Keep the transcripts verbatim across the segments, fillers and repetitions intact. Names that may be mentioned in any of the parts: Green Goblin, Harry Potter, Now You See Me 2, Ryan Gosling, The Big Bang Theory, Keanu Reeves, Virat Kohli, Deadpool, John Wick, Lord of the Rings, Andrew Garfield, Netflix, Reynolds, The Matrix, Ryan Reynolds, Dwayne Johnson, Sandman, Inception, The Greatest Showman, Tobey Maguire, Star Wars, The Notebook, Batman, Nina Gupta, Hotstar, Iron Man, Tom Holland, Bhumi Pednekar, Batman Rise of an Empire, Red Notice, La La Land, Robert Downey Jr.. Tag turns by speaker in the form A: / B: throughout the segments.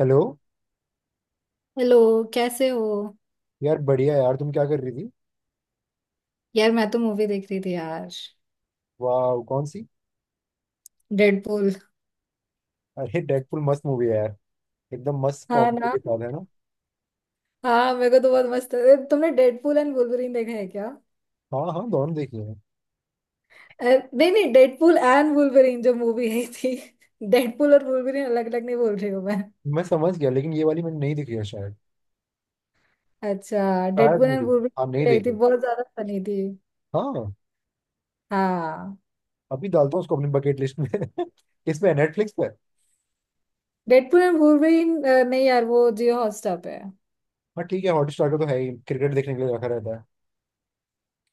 A: Hello.
B: Hello. कैसे हो?
A: यार बढ़िया। यार, तुम क्या कर रही थी?
B: यार मैं तो मूवी देख रही थी यार।
A: वाह! कौन सी?
B: डेडपूल।
A: अरे डेडपुल मस्त मूवी है यार। एकदम मस्त
B: हाँ
A: कॉमेडी
B: ना।
A: के साथ है ना।
B: हाँ मेरे को तो बहुत मस्त ए, तुमने डेडपूल एंड वुल्वरीन देखा है क्या?
A: हाँ हाँ, दोनों देखी है।
B: ए, नहीं नहीं, डेडपूल एंड वुल्वरीन जो मूवी आई थी। डेडपूल और वुल्वरीन अलग अलग नहीं बोल रही हूँ मैं।
A: मैं समझ गया, लेकिन ये वाली मैंने नहीं देखी है शायद।
B: अच्छा
A: शायद
B: डेडपूल
A: नहीं
B: एंड
A: देखी। हाँ, नहीं
B: वुल्वरीन आई थी,
A: देखी।
B: बहुत ज्यादा फनी थी।
A: हाँ।
B: हाँ
A: अभी डालता हूँ उसको अपनी बकेट लिस्ट में। इस पे नेटफ्लिक्स पर।
B: Deadpool and Wolverine. नहीं यार वो जियो हॉटस्टार पे है।
A: हाँ ठीक है। हॉटस्टार का तो है ही, क्रिकेट देखने के लिए रखा रहता है।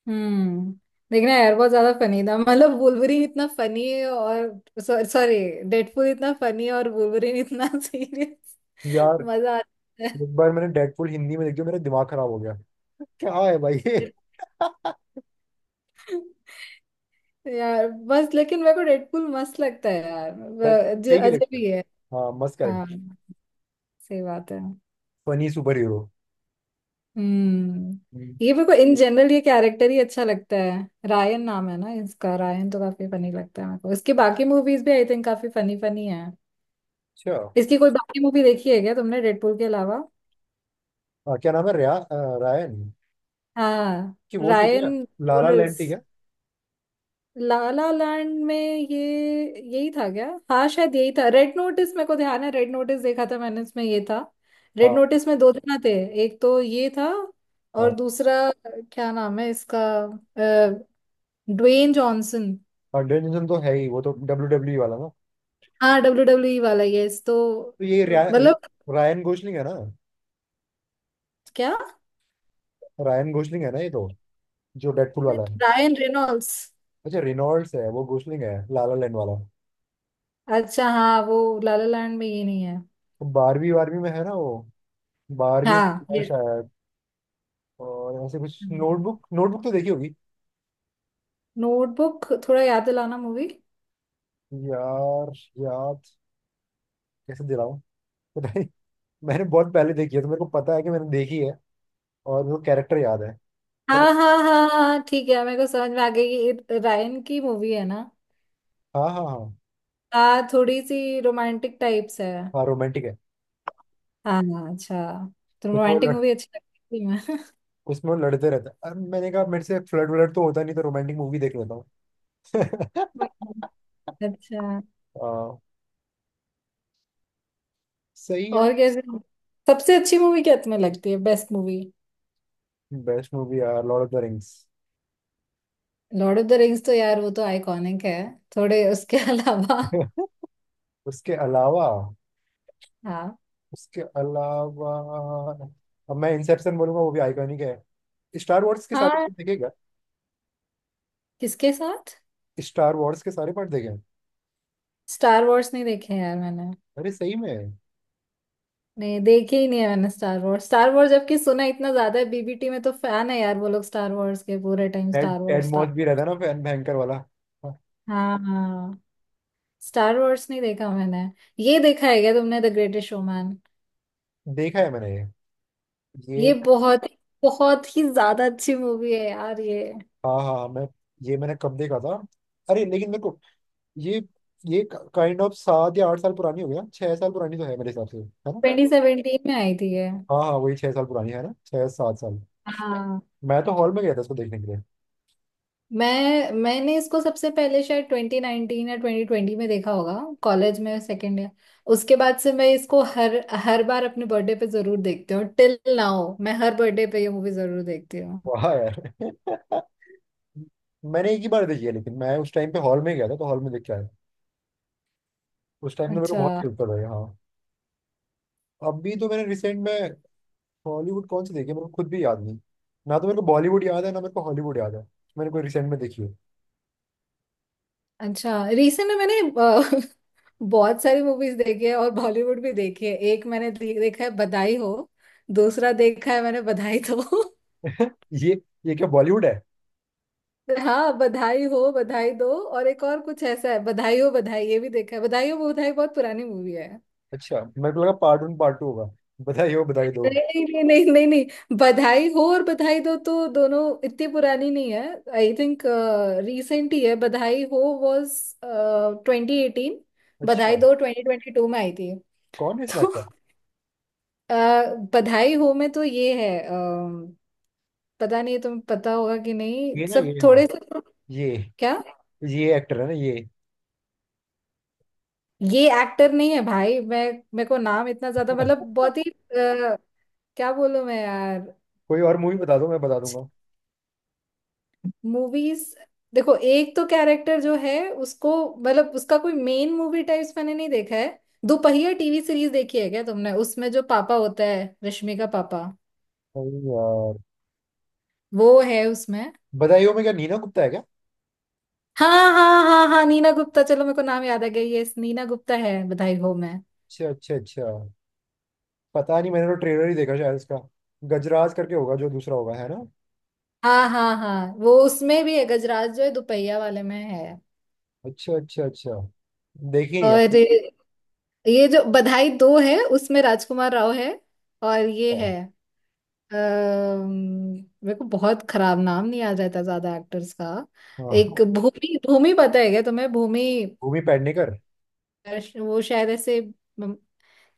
B: हम्म। देखना यार, बहुत ज्यादा फनी था, मतलब वुल्वरीन इतना फनी है और सॉरी डेडपूल इतना फनी है और वुल्वरीन इतना सीरियस।
A: यार,
B: मजा आता है।
A: एक बार मैंने डेडपुल हिंदी में देखी, मेरा दिमाग खराब हो गया। क्या है भाई ये?
B: यार बस लेकिन मेरे को डेडपूल मस्त लगता है यार, व- ज-
A: ठीक है।
B: अजब ही है।
A: हाँ, मस्त, करेक्ट।
B: हाँ। सही बात है।
A: Funny super hero.
B: हम्म। ये मेरे को इन जनरल ये कैरेक्टर ही अच्छा लगता है। रायन नाम है ना इसका? रायन तो काफी फनी लगता है मेरे को। इसके बाकी मूवीज भी आई थिंक काफी फनी फनी है।
A: अच्छा।
B: इसकी कोई बाकी मूवी देखी है क्या तुमने डेडपूल के अलावा?
A: हाँ, क्या नाम है रिया अ, रायन?
B: हाँ।
A: कि वो थी क्या?
B: रायन
A: लाला लैंड थी
B: रोनल्ड्स।
A: क्या?
B: ला ला लैंड में ये? यही था क्या, हाँ शायद यही था। रेड नोटिस मेरे को ध्यान है, रेड नोटिस देखा था मैंने, इसमें ये था। रेड
A: हाँ
B: नोटिस में दो जना थे। एक तो ये था। और
A: हाँ
B: दूसरा क्या नाम है इसका? अ, ड्वेन जॉनसन।
A: हाँ। डेनिसन तो है ही, वो तो डब्ल्यू डब्ल्यू वाला ना।
B: हाँ डब्ल्यू डब्ल्यू ई वाला यस तो।
A: तो ये रिया,
B: मतलब।
A: रायन गोसलिंग है ना?
B: क्या?
A: रायन गोसलिंग है ना ये तो? जो डेडपुल वाला है।
B: Ryan Reynolds.
A: अच्छा, रिनॉल्ड्स है वो। गोसलिंग है लाला लैंड वाला।
B: अच्छा हाँ वो। लाला लैंड में ये नहीं है।
A: तो बारहवीं बारहवीं में है ना वो? बारहवीं
B: हाँ।
A: में शायद। और ऐसे कुछ, नोटबुक नोटबुक तो देखी होगी।
B: नोटबुक थोड़ा याद दिलाना मूवी।
A: यार, याद कैसे दिलाऊं? पता नहीं। मैंने बहुत पहले देखी है, तो मेरे को पता है कि मैंने देखी है। और वो कैरेक्टर याद है। बट
B: हाँ हाँ हाँ हाँ ठीक है मेरे को समझ में आ गई, ये रायन की मूवी है ना।
A: हाँ हाँ हाँ।
B: हाँ थोड़ी सी रोमांटिक टाइप्स है।
A: हाँ, रोमांटिक है।
B: हाँ। अच्छा, तो
A: कुछ वो
B: रोमांटिक
A: लड़
B: मूवी अच्छी लगती है।
A: कुछ वो लड़ते रहते हैं। अब मैंने कहा, मेरे से फ्लर्ट व्लर्ट तो होता नहीं, तो रोमांटिक मूवी देख लेता हूँ।
B: मैं अच्छा।
A: हाँ, सही है।
B: और कैसे? सबसे अच्छी मूवी क्या तुम्हें लगती है, बेस्ट मूवी?
A: बेस्ट मूवी यार, Lord of the Rings.
B: Lord of the Rings तो यार वो तो आइकॉनिक है। थोड़े उसके अलावा।
A: उसके अलावा।
B: हाँ।
A: उसके अलावा, अब मैं इंसेप्शन बोलूंगा, वो भी आइकॉनिक है। स्टार वॉर्स के सारे
B: हाँ
A: पार्ट देखेगा।
B: किसके साथ?
A: स्टार वॉर्स के सारे पार्ट देखे हैं।
B: स्टार वॉर्स नहीं देखे हैं यार मैंने।
A: अरे, सही में?
B: नहीं देखे ही नहीं है मैंने स्टार वॉर्स। स्टार वॉर्स जबकि सुना इतना ज्यादा है, बीबीटी में तो फैन है यार वो लोग स्टार वॉर्स के, पूरे टाइम
A: टेड
B: स्टार
A: टेड
B: वॉर्स
A: मॉस
B: स्टार।
A: भी रहता है ना, फैन भयंकर वाला। हाँ,
B: हाँ हाँ। स्टार वॉर्स नहीं देखा मैंने। ये देखा है क्या तुमने, द ग्रेटेस्ट शोमैन?
A: देखा है मैंने ये। ये।
B: ये बहुत, बहुत ही ज्यादा अच्छी मूवी है यार ये।
A: हाँ हाँ, मैं ये मैंने कब देखा था? अरे, लेकिन मेरे को ये। ये काइंड ऑफ सात या आठ साल पुरानी हो गया, छह साल पुरानी तो है मेरे हिसाब से, है ना?
B: ट्वेंटी सेवेंटीन में आई थी ये।
A: हाँ हाँ, वही छह साल पुरानी है ना? छह सात साल।
B: हाँ।
A: मैं तो हॉल में गया था इसको देखने के लिए।
B: मैं मैंने इसको सबसे पहले शायद टू थाउज़ेंड नाइन्टीन या ट्वेंटी ट्वेंटी में देखा होगा, कॉलेज में सेकेंड ईयर। उसके बाद से मैं इसको हर हर बार अपने बर्थडे पे जरूर देखती हूँ, टिल नाउ मैं हर बर्थडे पे ये मूवी जरूर देखती हूँ।
A: वाह यार! मैंने एक ही बार देखी है, लेकिन मैं उस टाइम पे हॉल में गया था तो हॉल में देख के आया। उस टाइम तो मेरे को बहुत
B: अच्छा।
A: फील कर रहा है। हाँ। अभी तो मैंने रिसेंट में हॉलीवुड कौन सी देखी है, मेरे को खुद भी याद नहीं। ना तो मेरे को बॉलीवुड याद है, ना मेरे को हॉलीवुड याद है। मैंने कोई रिसेंट में देखी है।
B: अच्छा, रिसेंट में मैंने अ, बहुत सारी मूवीज देखी है, और बॉलीवुड भी देखी है। एक मैंने दे- देखा है, बधाई हो। दूसरा देखा है मैंने, बधाई दो।
A: ये। ये क्या बॉलीवुड है?
B: हाँ बधाई हो बधाई दो, और एक और कुछ ऐसा है बधाई हो बधाई, ये भी देखा है। बधाई हो बधाई बहुत पुरानी मूवी है।
A: अच्छा, मेरे को लगा पार्ट वन पार्ट टू होगा, बधाई हो बधाई दो।
B: नहीं नहीं नहीं नहीं नहीं, बधाई हो और बधाई दो तो दोनों इतनी पुरानी नहीं है, आई थिंक रिसेंट ही है। Badhaai Ho was twenty eighteen. Badhaai
A: अच्छा,
B: दो ट्वेंटी ट्वेंटी टू में आई थी।
A: कौन है इसमें
B: तो
A: एक्टर?
B: अ, बधाई हो में तो ये है अ, पता नहीं तुम्हें पता होगा कि नहीं,
A: ये ना?
B: सब
A: ये, हाँ।
B: थोड़े से।
A: ये
B: क्या?
A: ये एक्टर है ना, ये?
B: ये एक्टर नहीं है भाई। मैं मेरे को नाम इतना ज्यादा, मतलब बहुत ही अ, क्या बोलूं मैं यार?
A: कोई और मूवी बता दो, मैं बता दूंगा।
B: मूवीज। देखो एक तो कैरेक्टर जो है उसको, मतलब उसका कोई मेन मूवी टाइप्स मैंने नहीं देखा है। दोपहिया टीवी सीरीज देखी है क्या तुमने? उसमें जो पापा होता है, रश्मि का पापा,
A: अरे यार,
B: वो है उसमें।
A: बधाइयों में क्या नीना गुप्ता है क्या?
B: हाँ हाँ हाँ हाँ नीना गुप्ता, चलो मेरे को नाम याद आ गया, ये नीना गुप्ता है बधाई हो मैं
A: अच्छा अच्छा अच्छा। पता नहीं, मैंने तो ट्रेलर ही देखा शायद इसका। गजराज करके होगा जो दूसरा होगा, है ना?
B: हाँ हाँ हाँ वो उसमें भी है, गजराज जो है दोपहिया वाले में है।
A: अच्छा अच्छा अच्छा। देखिए यार।
B: और ये जो बधाई दो है, उसमें राजकुमार राव है। और ये
A: अच्छा,
B: है अम्म, मेरे को बहुत खराब, नाम नहीं याद रहता ज्यादा एक्टर्स का।
A: हाँ,
B: एक भूमि, भूमि पता है क्या तुम्हें, भूमि?
A: भूमि पेडनेकर।
B: अर्श- वो शायद ऐसे म,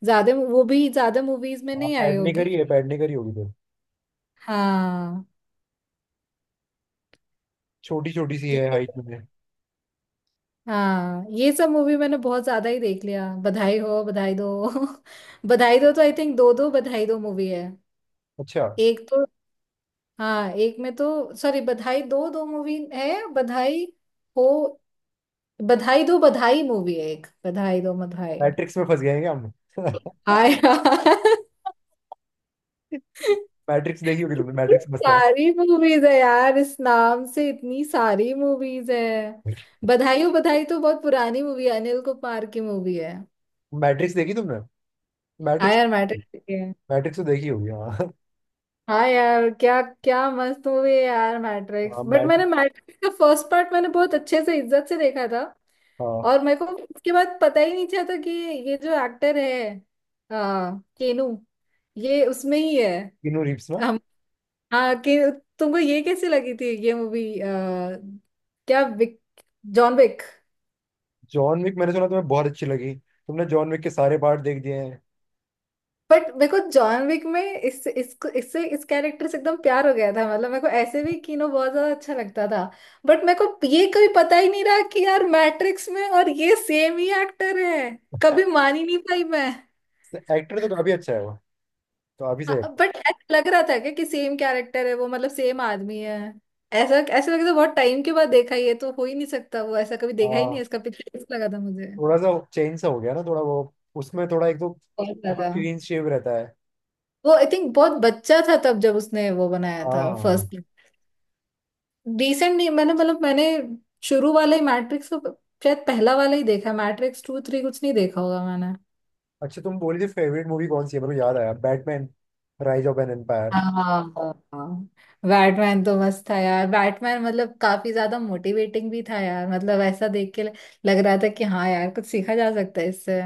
B: ज्यादा, वो भी ज्यादा मूवीज में
A: हाँ,
B: नहीं आई
A: पेडनेकर
B: होगी।
A: ही है, पेडनेकर ही होगी फिर।
B: हाँ।
A: छोटी छोटी सी है हाइट में।
B: हाँ ये सब मूवी मैंने बहुत ज्यादा ही देख लिया, बधाई हो बधाई दो। बधाई दो तो आई थिंक दो दो बधाई दो मूवी है।
A: अच्छा।
B: एक तो। हाँ एक में तो, सॉरी बधाई दो दो मूवी है, बधाई हो, बधाई दो बधाई मूवी है, एक बधाई दो बधाई।
A: मैट्रिक्स में फंस गए हैं क्या हम?
B: हाय यार।
A: मैट्रिक्स देखी होगी तुमने।
B: कितनी
A: मैट्रिक्स मस्त है ना?
B: सारी मूवीज है यार, इस नाम से इतनी सारी मूवीज है। बधाई हो बधाई तो बहुत पुरानी मूवी है, अनिल कपूर की मूवी है।
A: मैट्रिक्स देखी तुमने? मैट्रिक्स
B: आया मैटर।
A: मैट्रिक्स तो देखी होगी हाँ।
B: हाँ यार क्या क्या मस्त मूवी है यार मैट्रिक्स,
A: हाँ,
B: बट मैंने
A: मैट्रिक्स।
B: मैट्रिक्स का फर्स्ट पार्ट मैंने बहुत अच्छे से इज्जत से देखा था।
A: हाँ।
B: और मेरे को उसके बाद पता ही नहीं चला था कि ये जो एक्टर है आ, केनू, ये उसमें ही है।
A: किनू रिप्स ना?
B: हम। हाँ कि तुमको ये कैसी लगी थी ये मूवी, क्या Wick John Wick?
A: John Wick. मैंने सुना तुम्हें बहुत अच्छी लगी, तुमने जॉन विक के सारे पार्ट देख दिए हैं।
B: बट मेरे को जॉन विक में इस इसको इससे इस कैरेक्टर से एकदम प्यार हो गया था, मतलब मेरे को ऐसे भी कीनो बहुत ज्यादा अच्छा लगता था। बट मेरे को ये कभी पता ही नहीं रहा कि यार मैट्रिक्स में और ये सेम ही एक्टर है, कभी मान ही नहीं पाई मैं।
A: एक्टर तो काफी अच्छा है वो। तो काफी सही
B: हाँ,
A: एक्टर।
B: बट ऐसा लग रहा था क्या कि सेम कैरेक्टर है वो, मतलब सेम आदमी है। ऐसा ऐसा लगा था, बहुत टाइम के बाद देखा, ये तो हो ही नहीं सकता, वो ऐसा कभी देखा ही नहीं
A: हाँ,
B: है, इसका पिक्चर लगा था मुझे।
A: थोड़ा सा चेंज सा हो गया ना थोड़ा, वो। उसमें थोड़ा, एक तो
B: बहुत
A: बिल्कुल
B: ज्यादा
A: क्लीन शेव रहता है।
B: वो आई थिंक बहुत बच्चा था तब जब उसने वो बनाया
A: हाँ हाँ
B: था
A: हाँ।
B: फर्स्ट। डिसेंट नहीं, मैंने मतलब मैंने शुरू वाला ही मैट्रिक्स तो शायद पहला वाला ही देखा है, मैट्रिक्स टू थ्री कुछ नहीं देखा होगा मैंने।
A: अच्छा, तुम बोली थी फेवरेट मूवी कौन सी है, मेरे को याद आया। Batman Rise of an Empire.
B: हाँ। बैटमैन तो मस्त था यार, बैटमैन मतलब काफी ज्यादा मोटिवेटिंग भी था यार, मतलब ऐसा देख के लग रहा था कि हाँ यार कुछ सीखा जा सकता है इससे।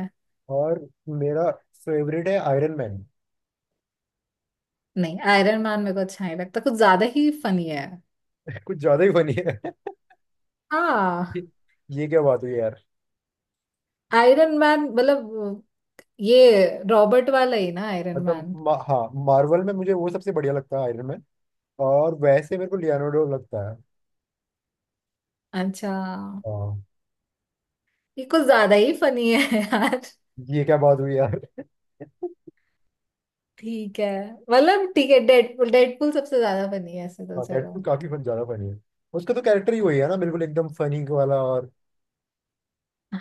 A: और मेरा फेवरेट है आयरन मैन।
B: नहीं आयरन मैन मेरे को अच्छा नहीं लगता, कुछ ज्यादा ही फनी है।
A: कुछ ज्यादा ही फनी है।
B: हाँ।
A: ये क्या बात हुई यार?
B: आयरन मैन मतलब ये रॉबर्ट वाला ही ना आयरन
A: मतलब
B: मैन?
A: मा, हाँ, मार्वल में मुझे वो सबसे बढ़िया लगता है, आयरन मैन। और वैसे मेरे को लियोनार्डो लगता है।
B: अच्छा।
A: हाँ।
B: ये कुछ ज्यादा ही फनी है।
A: ये क्या बात हुई यार?
B: ठीक है, मतलब ठीक है डेडपूल, डेडपूल सबसे ज्यादा बनी है ऐसे तो,
A: हाँ,
B: चलो।
A: डेडपूल काफी फन, ज्यादा फनी है। उसका तो कैरेक्टर ही वही है ना, बिल्कुल एकदम फनी वाला। और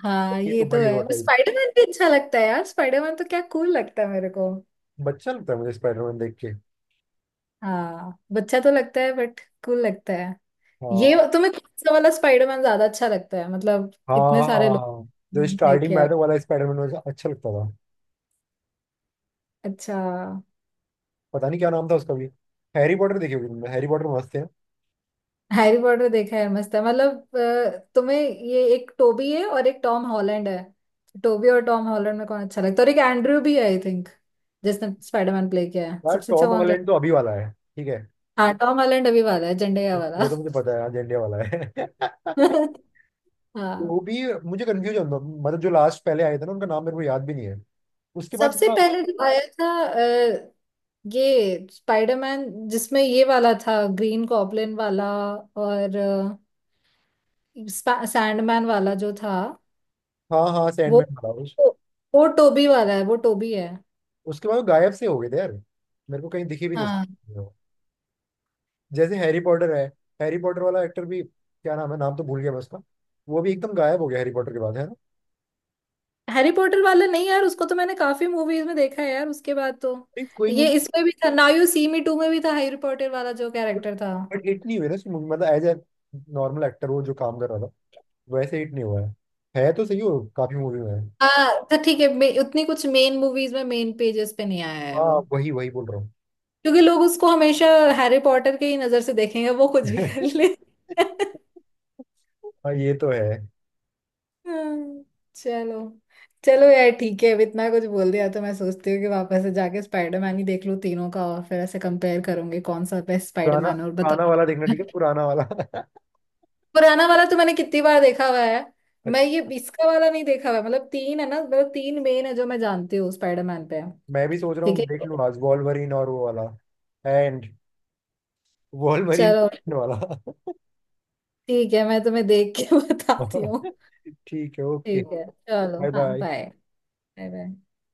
B: हाँ ये तो
A: सुपर हीरो
B: है, पर
A: टाइप।
B: स्पाइडरमैन भी अच्छा लगता है यार, स्पाइडरमैन तो क्या कूल लगता है मेरे को।
A: बच्चा लगता है मुझे स्पाइडरमैन देख के।
B: हाँ बच्चा तो लगता है, बट कूल लगता है। ये
A: हाँ
B: तुम्हें कौन सा वाला स्पाइडरमैन ज्यादा अच्छा लगता है? मतलब
A: हाँ
B: इतने
A: हाँ
B: सारे लोग
A: हाँ, जो स्टार्टिंग
B: देखे
A: में
B: हैं।
A: आया था वाला स्पाइडरमैन मुझे अच्छा लगता था।
B: अच्छा।
A: पता नहीं क्या नाम था उसका भी। हैरी पॉटर देखी होगी तुमने। हैरी पॉटर मस्त है।
B: हैरी पॉटर देखा है, मस्त है, मतलब अ, तुम्हें ये एक टोबी है और एक टॉम हॉलैंड है, टोबी और टॉम हॉलैंड में कौन अच्छा लगता है? और एक एंड्रयू भी है आई थिंक जिसने स्पाइडरमैन प्ले किया है,
A: यार,
B: सबसे अच्छा
A: टॉम
B: कौन लगता
A: हॉलैंड तो अभी वाला है, ठीक है।
B: है? हाँ टॉम हॉलैंड अभी वाला है, झंडेया
A: वो
B: वाला।
A: तो मुझे पता है, अजेंडे वाला है।
B: हाँ।
A: वो भी मुझे कंफ्यूज होता, मतलब जो लास्ट पहले आए थे ना, उनका नाम मेरे को याद भी नहीं है। उसके बाद
B: सबसे
A: थोड़ा-
B: पहले जो आया था अ, ये स्पाइडरमैन, जिसमें ये वाला था ग्रीन गॉब्लिन वाला, और अ, सैंडमैन वाला जो था,
A: हाँ हाँ,
B: वो
A: सैंडमैन था उस,
B: वो, वो टोबी वाला है, वो टोबी है।
A: उसके बाद वो गायब से हो गए थे यार। मेरे को कहीं दिखी भी नहीं
B: हाँ,
A: उसकी। जैसे हैरी पॉटर है, हैरी पॉटर वाला एक्टर भी क्या नाम है? नाम तो भूल गया मैं उसका। वो भी एकदम गायब हो गया हैरी पॉटर के बाद, है ना?
B: हैरी पॉटर वाला नहीं यार उसको तो मैंने काफी मूवीज में देखा है यार उसके बाद तो।
A: नहीं, कोई
B: ये
A: मूवी।
B: इसमें भी था, Now You See Me two में भी था हैरी पॉटर वाला जो कैरेक्टर था।
A: बट हिट नहीं हुई ना मूवी, मतलब एज ए नॉर्मल एक्टर वो जो काम कर रहा था, वैसे हिट नहीं हुआ है। है तो सही, हो काफी मूवी में है।
B: हाँ तो ठीक है, मे- उतनी कुछ मेन मूवीज में, मेन पेजेस पे नहीं आया है
A: हाँ,
B: वो।
A: वही वही बोल रहा हूँ।
B: क्योंकि लोग उसको हमेशा हैरी पॉटर के ही नजर से देखेंगे, वो कुछ भी कर ले।
A: हाँ, ये तो है।
B: हाँ, चलो। चलो यार ठीक है, अब इतना कुछ बोल दिया तो मैं सोचती हूँ कि वापस से जाके स्पाइडरमैन ही देख लूँ तीनों का, और फिर ऐसे कंपेयर करूंगी कौन सा बेस्ट
A: पुराना।
B: स्पाइडरमैन, और बता।
A: पुराना वाला देखना ठीक है, पुराना वाला।
B: पुराना वाला तो मैंने कितनी बार देखा हुआ है। मैं
A: अच्छा,
B: ये इसका वाला नहीं देखा हुआ है। मतलब तीन है ना, मतलब तीन मेन है जो मैं जानती हूँ स्पाइडरमैन पे।
A: मैं भी सोच रहा
B: ठीक
A: हूँ देख
B: है।
A: लूँ आज वॉल्वरिन और वो वाला। एंड वॉल्वरिन
B: चलो
A: वाला।
B: ठीक है, मैं तुम्हें देख के बताती हूँ।
A: ठीक है। ओके।
B: ठीक है चलो।
A: बाय
B: हाँ
A: बाय।
B: Bye bye bye.